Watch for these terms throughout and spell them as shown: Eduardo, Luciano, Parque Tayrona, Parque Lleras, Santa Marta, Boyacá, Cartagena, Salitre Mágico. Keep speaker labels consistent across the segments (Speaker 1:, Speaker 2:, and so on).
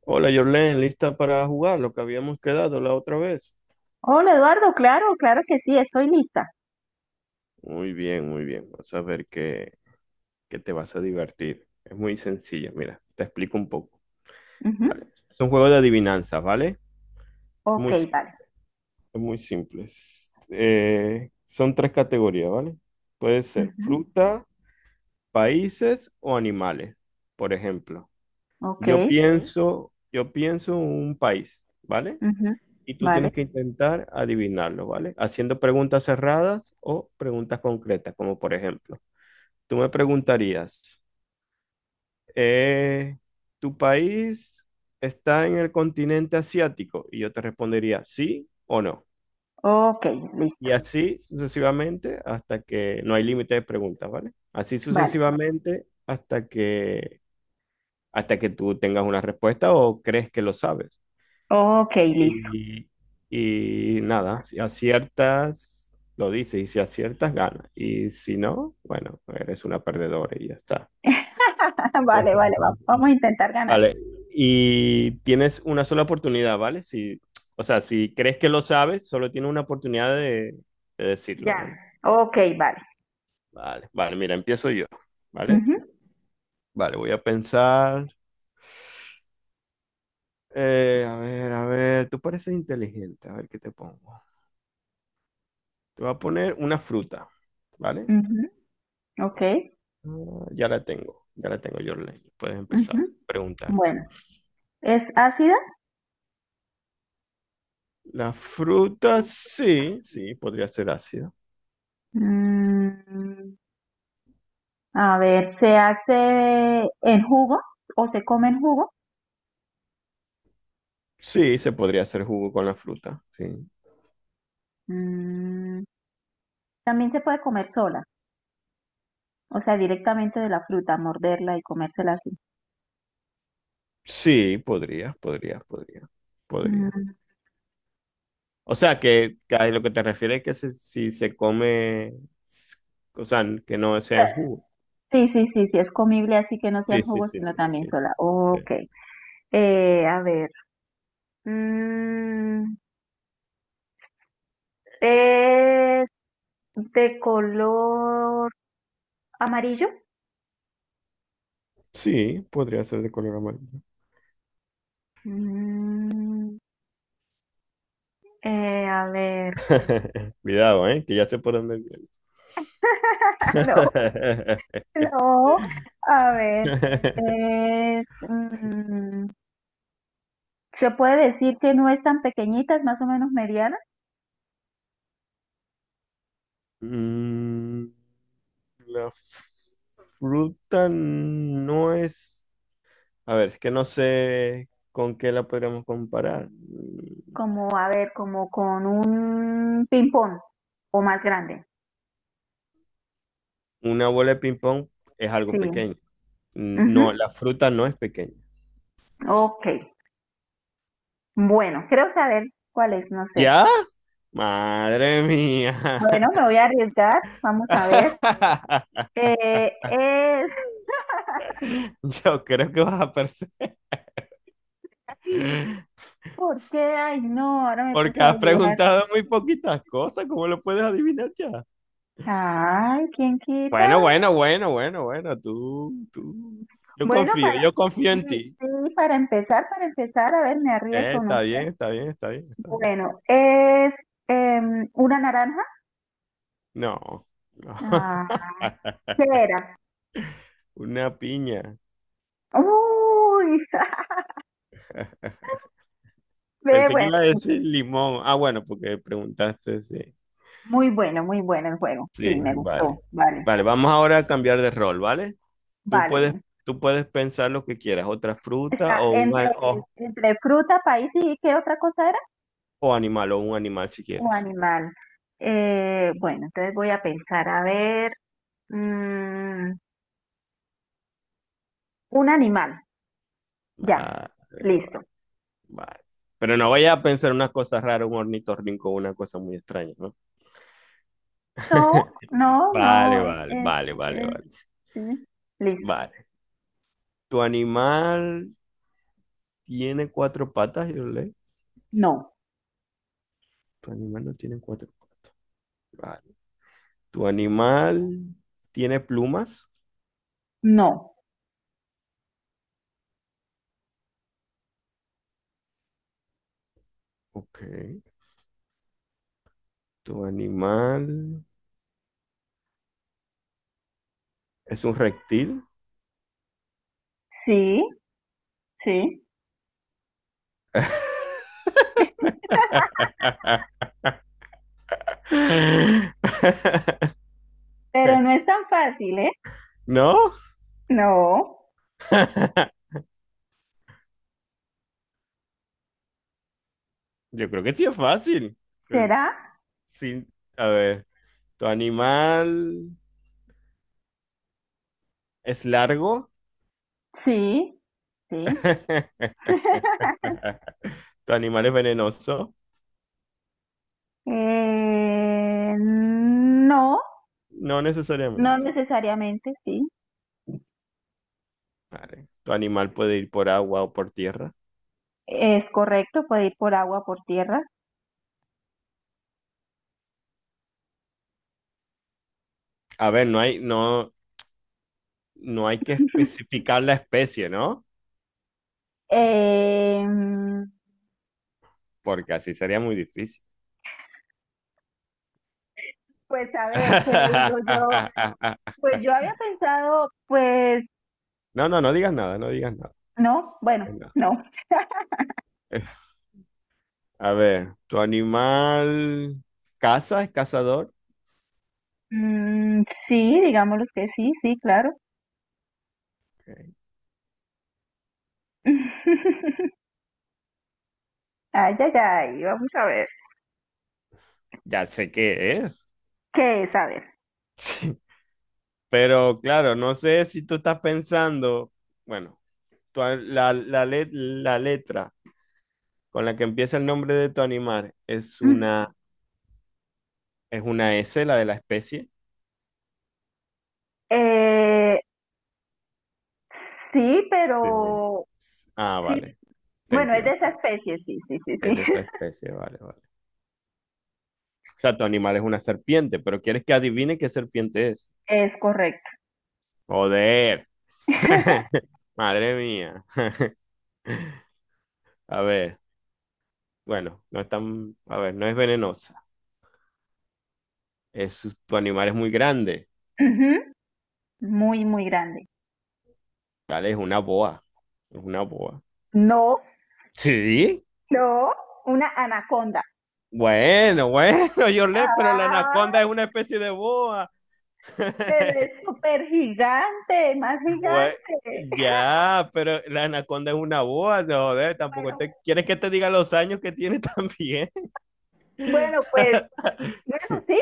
Speaker 1: Hola, Jorlen, ¿lista para jugar lo que habíamos quedado la otra vez?
Speaker 2: Hola Eduardo, claro, claro que sí, estoy lista.
Speaker 1: Muy bien, muy bien. Vas a ver que te vas a divertir. Es muy sencilla. Mira, te explico un poco,
Speaker 2: Ujú.
Speaker 1: ¿vale? Es un juego de adivinanzas, ¿vale?
Speaker 2: Ok,
Speaker 1: Muy, sim-
Speaker 2: vale.
Speaker 1: es muy simples. Son tres categorías, ¿vale? Puede ser
Speaker 2: Ujú.
Speaker 1: fruta, países o animales. Por ejemplo,
Speaker 2: Ok,
Speaker 1: yo Ok. pienso, yo pienso un país, ¿vale?
Speaker 2: ujú.
Speaker 1: Y tú
Speaker 2: Vale.
Speaker 1: tienes que intentar adivinarlo, ¿vale? Haciendo preguntas cerradas o preguntas concretas, como por ejemplo, tú me preguntarías, eh, ¿tu país está en el continente asiático? Y yo te respondería sí o no.
Speaker 2: Ok,
Speaker 1: Y
Speaker 2: listo.
Speaker 1: así sucesivamente hasta que no hay límite de preguntas, ¿vale? Así
Speaker 2: Vale.
Speaker 1: sucesivamente hasta que tú tengas una respuesta o crees que lo sabes.
Speaker 2: Ok, listo.
Speaker 1: Y, y nada, si aciertas, lo dices, y si aciertas, ganas. Y si no, bueno, eres una perdedora y ya está.
Speaker 2: Vale, vale, vamos a intentar ganar.
Speaker 1: Vale, y tienes una sola oportunidad, ¿vale? Si, o sea, si crees que lo sabes, solo tienes una oportunidad de decirlo,
Speaker 2: Ya.
Speaker 1: ¿vale?
Speaker 2: Ok, vale.
Speaker 1: Vale, vale, mira, empiezo yo, ¿vale?
Speaker 2: Ujú,
Speaker 1: Vale, voy a pensar. A ver, a ver, tú pareces inteligente, a ver qué te pongo. Te voy a poner una fruta, ¿vale?
Speaker 2: ujú, Ok,
Speaker 1: Ah, ya la tengo, Jorlen. Puedes empezar
Speaker 2: ujú.
Speaker 1: a preguntar.
Speaker 2: Bueno, ¿es ácida?
Speaker 1: La fruta, sí, sí, podría ser ácido.
Speaker 2: Mm, a ver, ¿se hace en jugo o se come en jugo?
Speaker 1: Sí, se podría hacer jugo con la fruta. Sí,
Speaker 2: Mm, también se puede comer sola. O sea, directamente de la fruta, morderla y comérsela así.
Speaker 1: sí,
Speaker 2: Mm,
Speaker 1: podría.
Speaker 2: o
Speaker 1: O sea, que a lo que te refieres es que si se come, s- o sea, que no sea en jugo.
Speaker 2: Sí, sí, sí, sí, es comible así que no sea en
Speaker 1: Sí, sí,
Speaker 2: jugo,
Speaker 1: sí,
Speaker 2: sino
Speaker 1: sí,
Speaker 2: también
Speaker 1: sí.
Speaker 2: sola.
Speaker 1: Sí,
Speaker 2: Ok. A ver. Mm, ¿Es de color amarillo?
Speaker 1: sí, podría ser de color amarillo.
Speaker 2: Mm, a ver.
Speaker 1: Cuidado, ¿eh? Que ya sé por dónde viene.
Speaker 2: No, no. A ver. Es, mm, ¿Se puede decir que no es tan pequeñita, es más o menos mediana?
Speaker 1: Mm, la f- fruta no es... A ver, es que no sé con qué la podríamos comparar. Mm,
Speaker 2: Como, a ver, como con un ping-pong o más grande.
Speaker 1: una bola de ping-pong es
Speaker 2: Sí.
Speaker 1: algo pequeño. Mm,
Speaker 2: Ujú.
Speaker 1: no, la fruta no es pequeña.
Speaker 2: Ok. Bueno, creo saber cuál es, no sé.
Speaker 1: ¿Ya? Madre mía.
Speaker 2: Bueno, me voy a arriesgar. Vamos a ver. Eh, es...
Speaker 1: Yo creo que vas a perder.
Speaker 2: ay, ¿por qué? Ay, no, ahora me
Speaker 1: Porque
Speaker 2: puse a
Speaker 1: has
Speaker 2: dudar.
Speaker 1: preguntado muy poquitas cosas. ¿Cómo lo puedes adivinar ya?
Speaker 2: Ay, ¿quién quita?
Speaker 1: Bueno, bueno, bueno, bueno, bueno. Tú, tú.
Speaker 2: Bueno, para...
Speaker 1: Yo confío
Speaker 2: Sí,
Speaker 1: en ti.
Speaker 2: sí, para empezar, a ver, me arriesgo o no.
Speaker 1: Está bien, está bien, está bien, está bien.
Speaker 2: Bueno, es una naranja.
Speaker 1: No, no.
Speaker 2: Ah, ¿qué era?
Speaker 1: Una piña.
Speaker 2: Uy, Ve,
Speaker 1: Pensé que
Speaker 2: bueno,
Speaker 1: iba a decir limón. Ah, bueno, porque preguntaste, sí.
Speaker 2: muy bueno, muy bueno el juego.
Speaker 1: Sí,
Speaker 2: Sí, me
Speaker 1: vale.
Speaker 2: gustó. Vale,
Speaker 1: Vale, vamos ahora a cambiar de rol, ¿vale? Tú puedes,
Speaker 2: vale.
Speaker 1: tú puedes pensar lo que quieras, otra fruta
Speaker 2: Está
Speaker 1: o
Speaker 2: entre, entre fruta, país y ¿qué otra cosa era?
Speaker 1: o animal, o un animal si
Speaker 2: O
Speaker 1: quieres.
Speaker 2: animal. Bueno, entonces voy a pensar, a ver, mm, un animal. Ya,
Speaker 1: Vale, vale,
Speaker 2: listo.
Speaker 1: vale. Pero no vayas a pensar unas cosas raras, un ornitorrinco, una cosa muy extraña, ¿no?
Speaker 2: No, no, no,
Speaker 1: Vale, vale, vale, vale, vale.
Speaker 2: sí, listo.
Speaker 1: Vale. ¿Tu animal tiene cuatro patas, yo leí.
Speaker 2: No,
Speaker 1: Tu animal no tiene cuatro patas. Vale. Tu animal tiene plumas.
Speaker 2: no.
Speaker 1: Ok. Tu animal es un reptil.
Speaker 2: Sí, sí. Pero no es tan fácil, ¿eh?
Speaker 1: ¿No?
Speaker 2: No.
Speaker 1: Yo creo que sí es fácil. Pues,
Speaker 2: ¿Será?
Speaker 1: sí. A ver, ¿tu animal es largo?
Speaker 2: Sí, sí.
Speaker 1: ¿Tu animal es venenoso?
Speaker 2: No,
Speaker 1: No
Speaker 2: no
Speaker 1: necesariamente.
Speaker 2: necesariamente, sí,
Speaker 1: Vale. Tu animal puede ir por agua o por tierra.
Speaker 2: es correcto, puede ir por agua, por tierra.
Speaker 1: A ver, no hay que especificar la especie, ¿no?
Speaker 2: Eh,
Speaker 1: Porque así sería muy difícil.
Speaker 2: pues a ver, ¿qué le digo yo? Pues yo había pensado, pues
Speaker 1: No, no, no digas nada, no digas nada.
Speaker 2: no, bueno,
Speaker 1: Venga.
Speaker 2: no.
Speaker 1: A ver, ¿tu animal caza, es cazador?
Speaker 2: Mm, sí, digámoslo que sí, sí, claro.
Speaker 1: Ok.
Speaker 2: Ay, ay, ay, vamos a ver.
Speaker 1: Ya sé qué es.
Speaker 2: ¿Qué es? A ver.
Speaker 1: Pero claro, no sé si tú estás pensando, bueno, la letra con la que empieza el nombre de tu animal es
Speaker 2: Mm,
Speaker 1: una... Es una S, la de la especie.
Speaker 2: eh, sí,
Speaker 1: Sí.
Speaker 2: pero
Speaker 1: Ah,
Speaker 2: sí,
Speaker 1: vale, te
Speaker 2: bueno, es de
Speaker 1: entiendo.
Speaker 2: esa especie, sí, sí, sí, sí,
Speaker 1: Es de esa especie, vale, vale. O sea, tu animal es una serpiente, pero quieres que adivine qué serpiente es.
Speaker 2: es correcto.
Speaker 1: Joder. Madre mía. A ver, bueno, no es tan, a ver, no es venenosa. Es, tu animal es muy grande.
Speaker 2: Ujú. Muy, muy grande.
Speaker 1: Vale, es una boa. Es una boa.
Speaker 2: No.
Speaker 1: Sí.
Speaker 2: No, una anaconda.
Speaker 1: Bueno, bueno, yo le, pero la
Speaker 2: Ah,
Speaker 1: anaconda es una especie de boa.
Speaker 2: pero es súper gigante, más
Speaker 1: bue
Speaker 2: gigante.
Speaker 1: ya, pero la anaconda es una boa, no, joder, tampoco
Speaker 2: Bueno,
Speaker 1: te quieres que te diga los años que tiene también.
Speaker 2: bueno, pues, bueno, sí,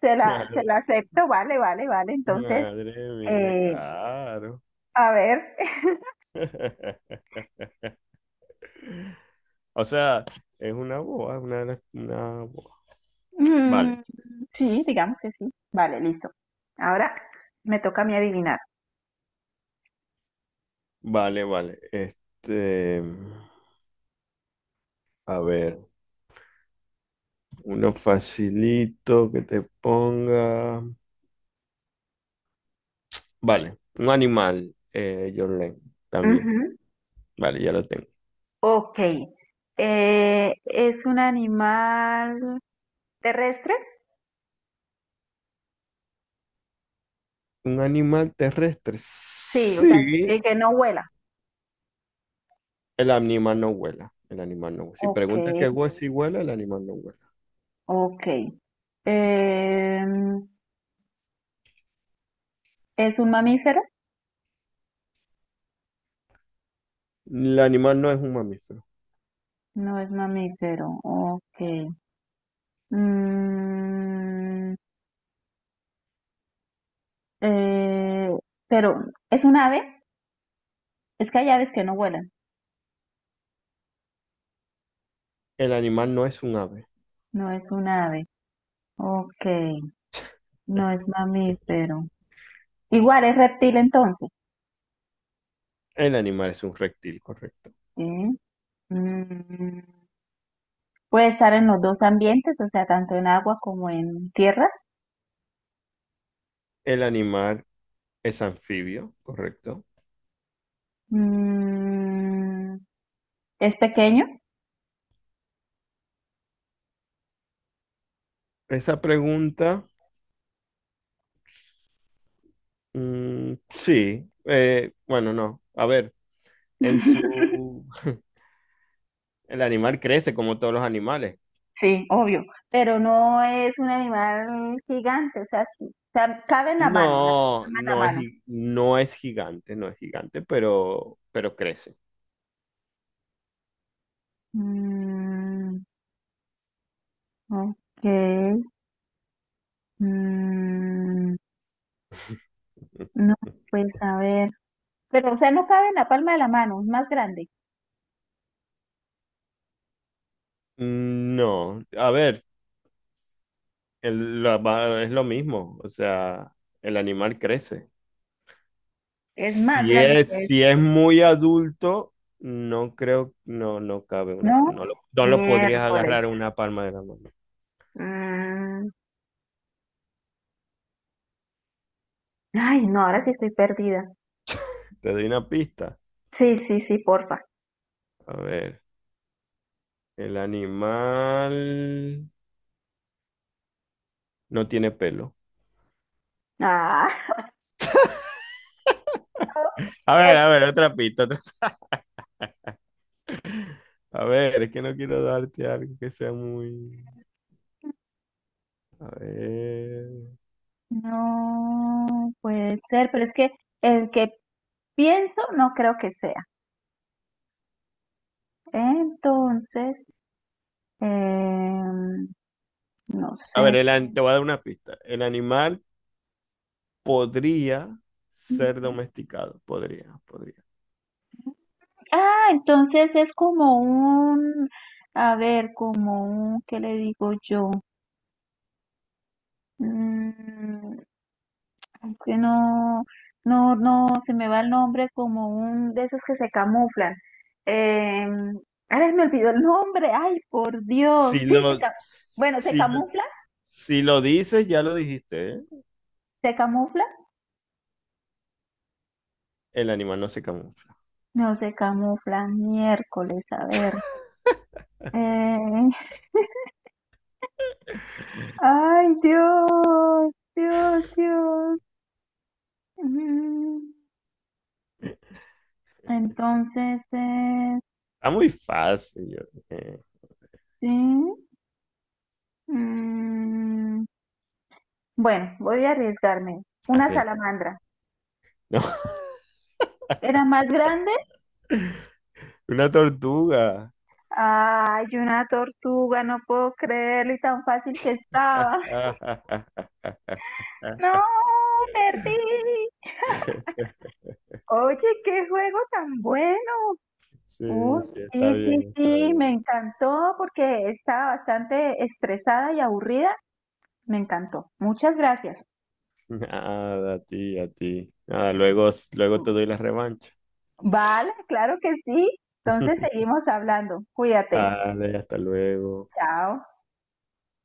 Speaker 2: se
Speaker 1: Madre,
Speaker 2: la acepto, vale, vale, vale. Entonces,
Speaker 1: madre mía,
Speaker 2: eh,
Speaker 1: claro.
Speaker 2: a ver,
Speaker 1: O sea, es una boa, una boa. Vale,
Speaker 2: mm, sí, digamos que sí. Vale, listo. Ahora me toca a mí adivinar.
Speaker 1: vale, vale. Este, a ver, uno facilito que te ponga. Vale, un animal, Jorlen, también.
Speaker 2: Ujú.
Speaker 1: Vale, ya lo tengo.
Speaker 2: Ok. ¿Es un animal terrestre?
Speaker 1: Un animal terrestre.
Speaker 2: Sí, o sea,
Speaker 1: Sí,
Speaker 2: que no vuela.
Speaker 1: el animal no vuela. El animal no. Si
Speaker 2: Ok,
Speaker 1: preguntas si vuela, el animal no vuela.
Speaker 2: ok. Em, ¿Es un mamífero?
Speaker 1: El animal no es un mamífero.
Speaker 2: No es mamífero, ok. Mm, eh, pero, ¿es un ave? Es que hay aves que no vuelan.
Speaker 1: El animal no es un ave.
Speaker 2: No es un ave, ok. No es mamífero. Igual es reptil entonces,
Speaker 1: El animal es un reptil, correcto.
Speaker 2: ¿sí? Mm, puede estar en los dos ambientes, o sea, tanto en agua como en tierra.
Speaker 1: El animal es anfibio, correcto.
Speaker 2: Mm, ¿Es pequeño?
Speaker 1: Esa pregunta, mm, sí. Bueno, no. A ver, en su... El animal crece como todos los animales.
Speaker 2: Sí, obvio, pero no es un animal gigante, o sea, sí, o sea, cabe en la mano, la
Speaker 1: No,
Speaker 2: palma de la mano.
Speaker 1: no es gigante, no es gigante, pero crece.
Speaker 2: Mm, ok, mm, no, pues a ver, pero o sea, no cabe en la palma de la mano,
Speaker 1: Mm, no, a ver, es lo mismo, o sea, el animal crece.
Speaker 2: es más
Speaker 1: Si
Speaker 2: grande
Speaker 1: es,
Speaker 2: que
Speaker 1: si
Speaker 2: esto,
Speaker 1: es muy adulto, no creo, no, no cabe una,
Speaker 2: ¿no?
Speaker 1: no lo, no lo podrías
Speaker 2: Miércoles.
Speaker 1: agarrar en una palma de la mano.
Speaker 2: Mm, ay, no, ahora sí estoy perdida.
Speaker 1: Te doy una pista.
Speaker 2: Sí, sí, sí, porfa.
Speaker 1: A ver, el animal no tiene pelo.
Speaker 2: Ah, qué
Speaker 1: A ver, otra pista. A ver, es que no quiero darte algo que sea muy... A ver.
Speaker 2: no puede ser, pero es que el que pienso no creo que sea. Entonces, em, no
Speaker 1: A ver,
Speaker 2: sé.
Speaker 1: te voy a dar una pista. El animal podría ser
Speaker 2: Ujú.
Speaker 1: domesticado. Podría, podría.
Speaker 2: Ah, entonces es como un, a ver, como un, ¿qué le digo yo? Mm, es que no, no, no, se me va el nombre como un de esos que se camuflan. Em, ay, me olvidó el nombre, ay, por Dios,
Speaker 1: Si
Speaker 2: sí,
Speaker 1: lo,
Speaker 2: bueno,
Speaker 1: si, si lo dices, ya lo dijiste, ¿eh?
Speaker 2: se camufla.
Speaker 1: El animal no se camufla.
Speaker 2: No se camuflan, miércoles, a ver. Eh, ay, Dios, Dios, Dios. Mm, Entonces,
Speaker 1: Está muy fácil.
Speaker 2: sí. mm, bueno, voy a arriesgarme. Una
Speaker 1: Arriesga.
Speaker 2: salamandra.
Speaker 1: No.
Speaker 2: ¿Era más grande?
Speaker 1: Una tortuga.
Speaker 2: Ay, una tortuga, no puedo creerlo y tan fácil que estaba. No, perdí. Oye, qué juego tan bueno. Uh,
Speaker 1: Sí, sí, está
Speaker 2: sí, sí,
Speaker 1: bien, está
Speaker 2: sí, me
Speaker 1: bien.
Speaker 2: encantó porque estaba bastante estresada y aburrida. Me encantó. Muchas gracias.
Speaker 1: Nada, a ti, a ti. Nada, luego, luego te doy la revancha.
Speaker 2: Vale, claro que sí. Entonces seguimos hablando. Cuídate.
Speaker 1: Dale, hasta luego.
Speaker 2: Chao.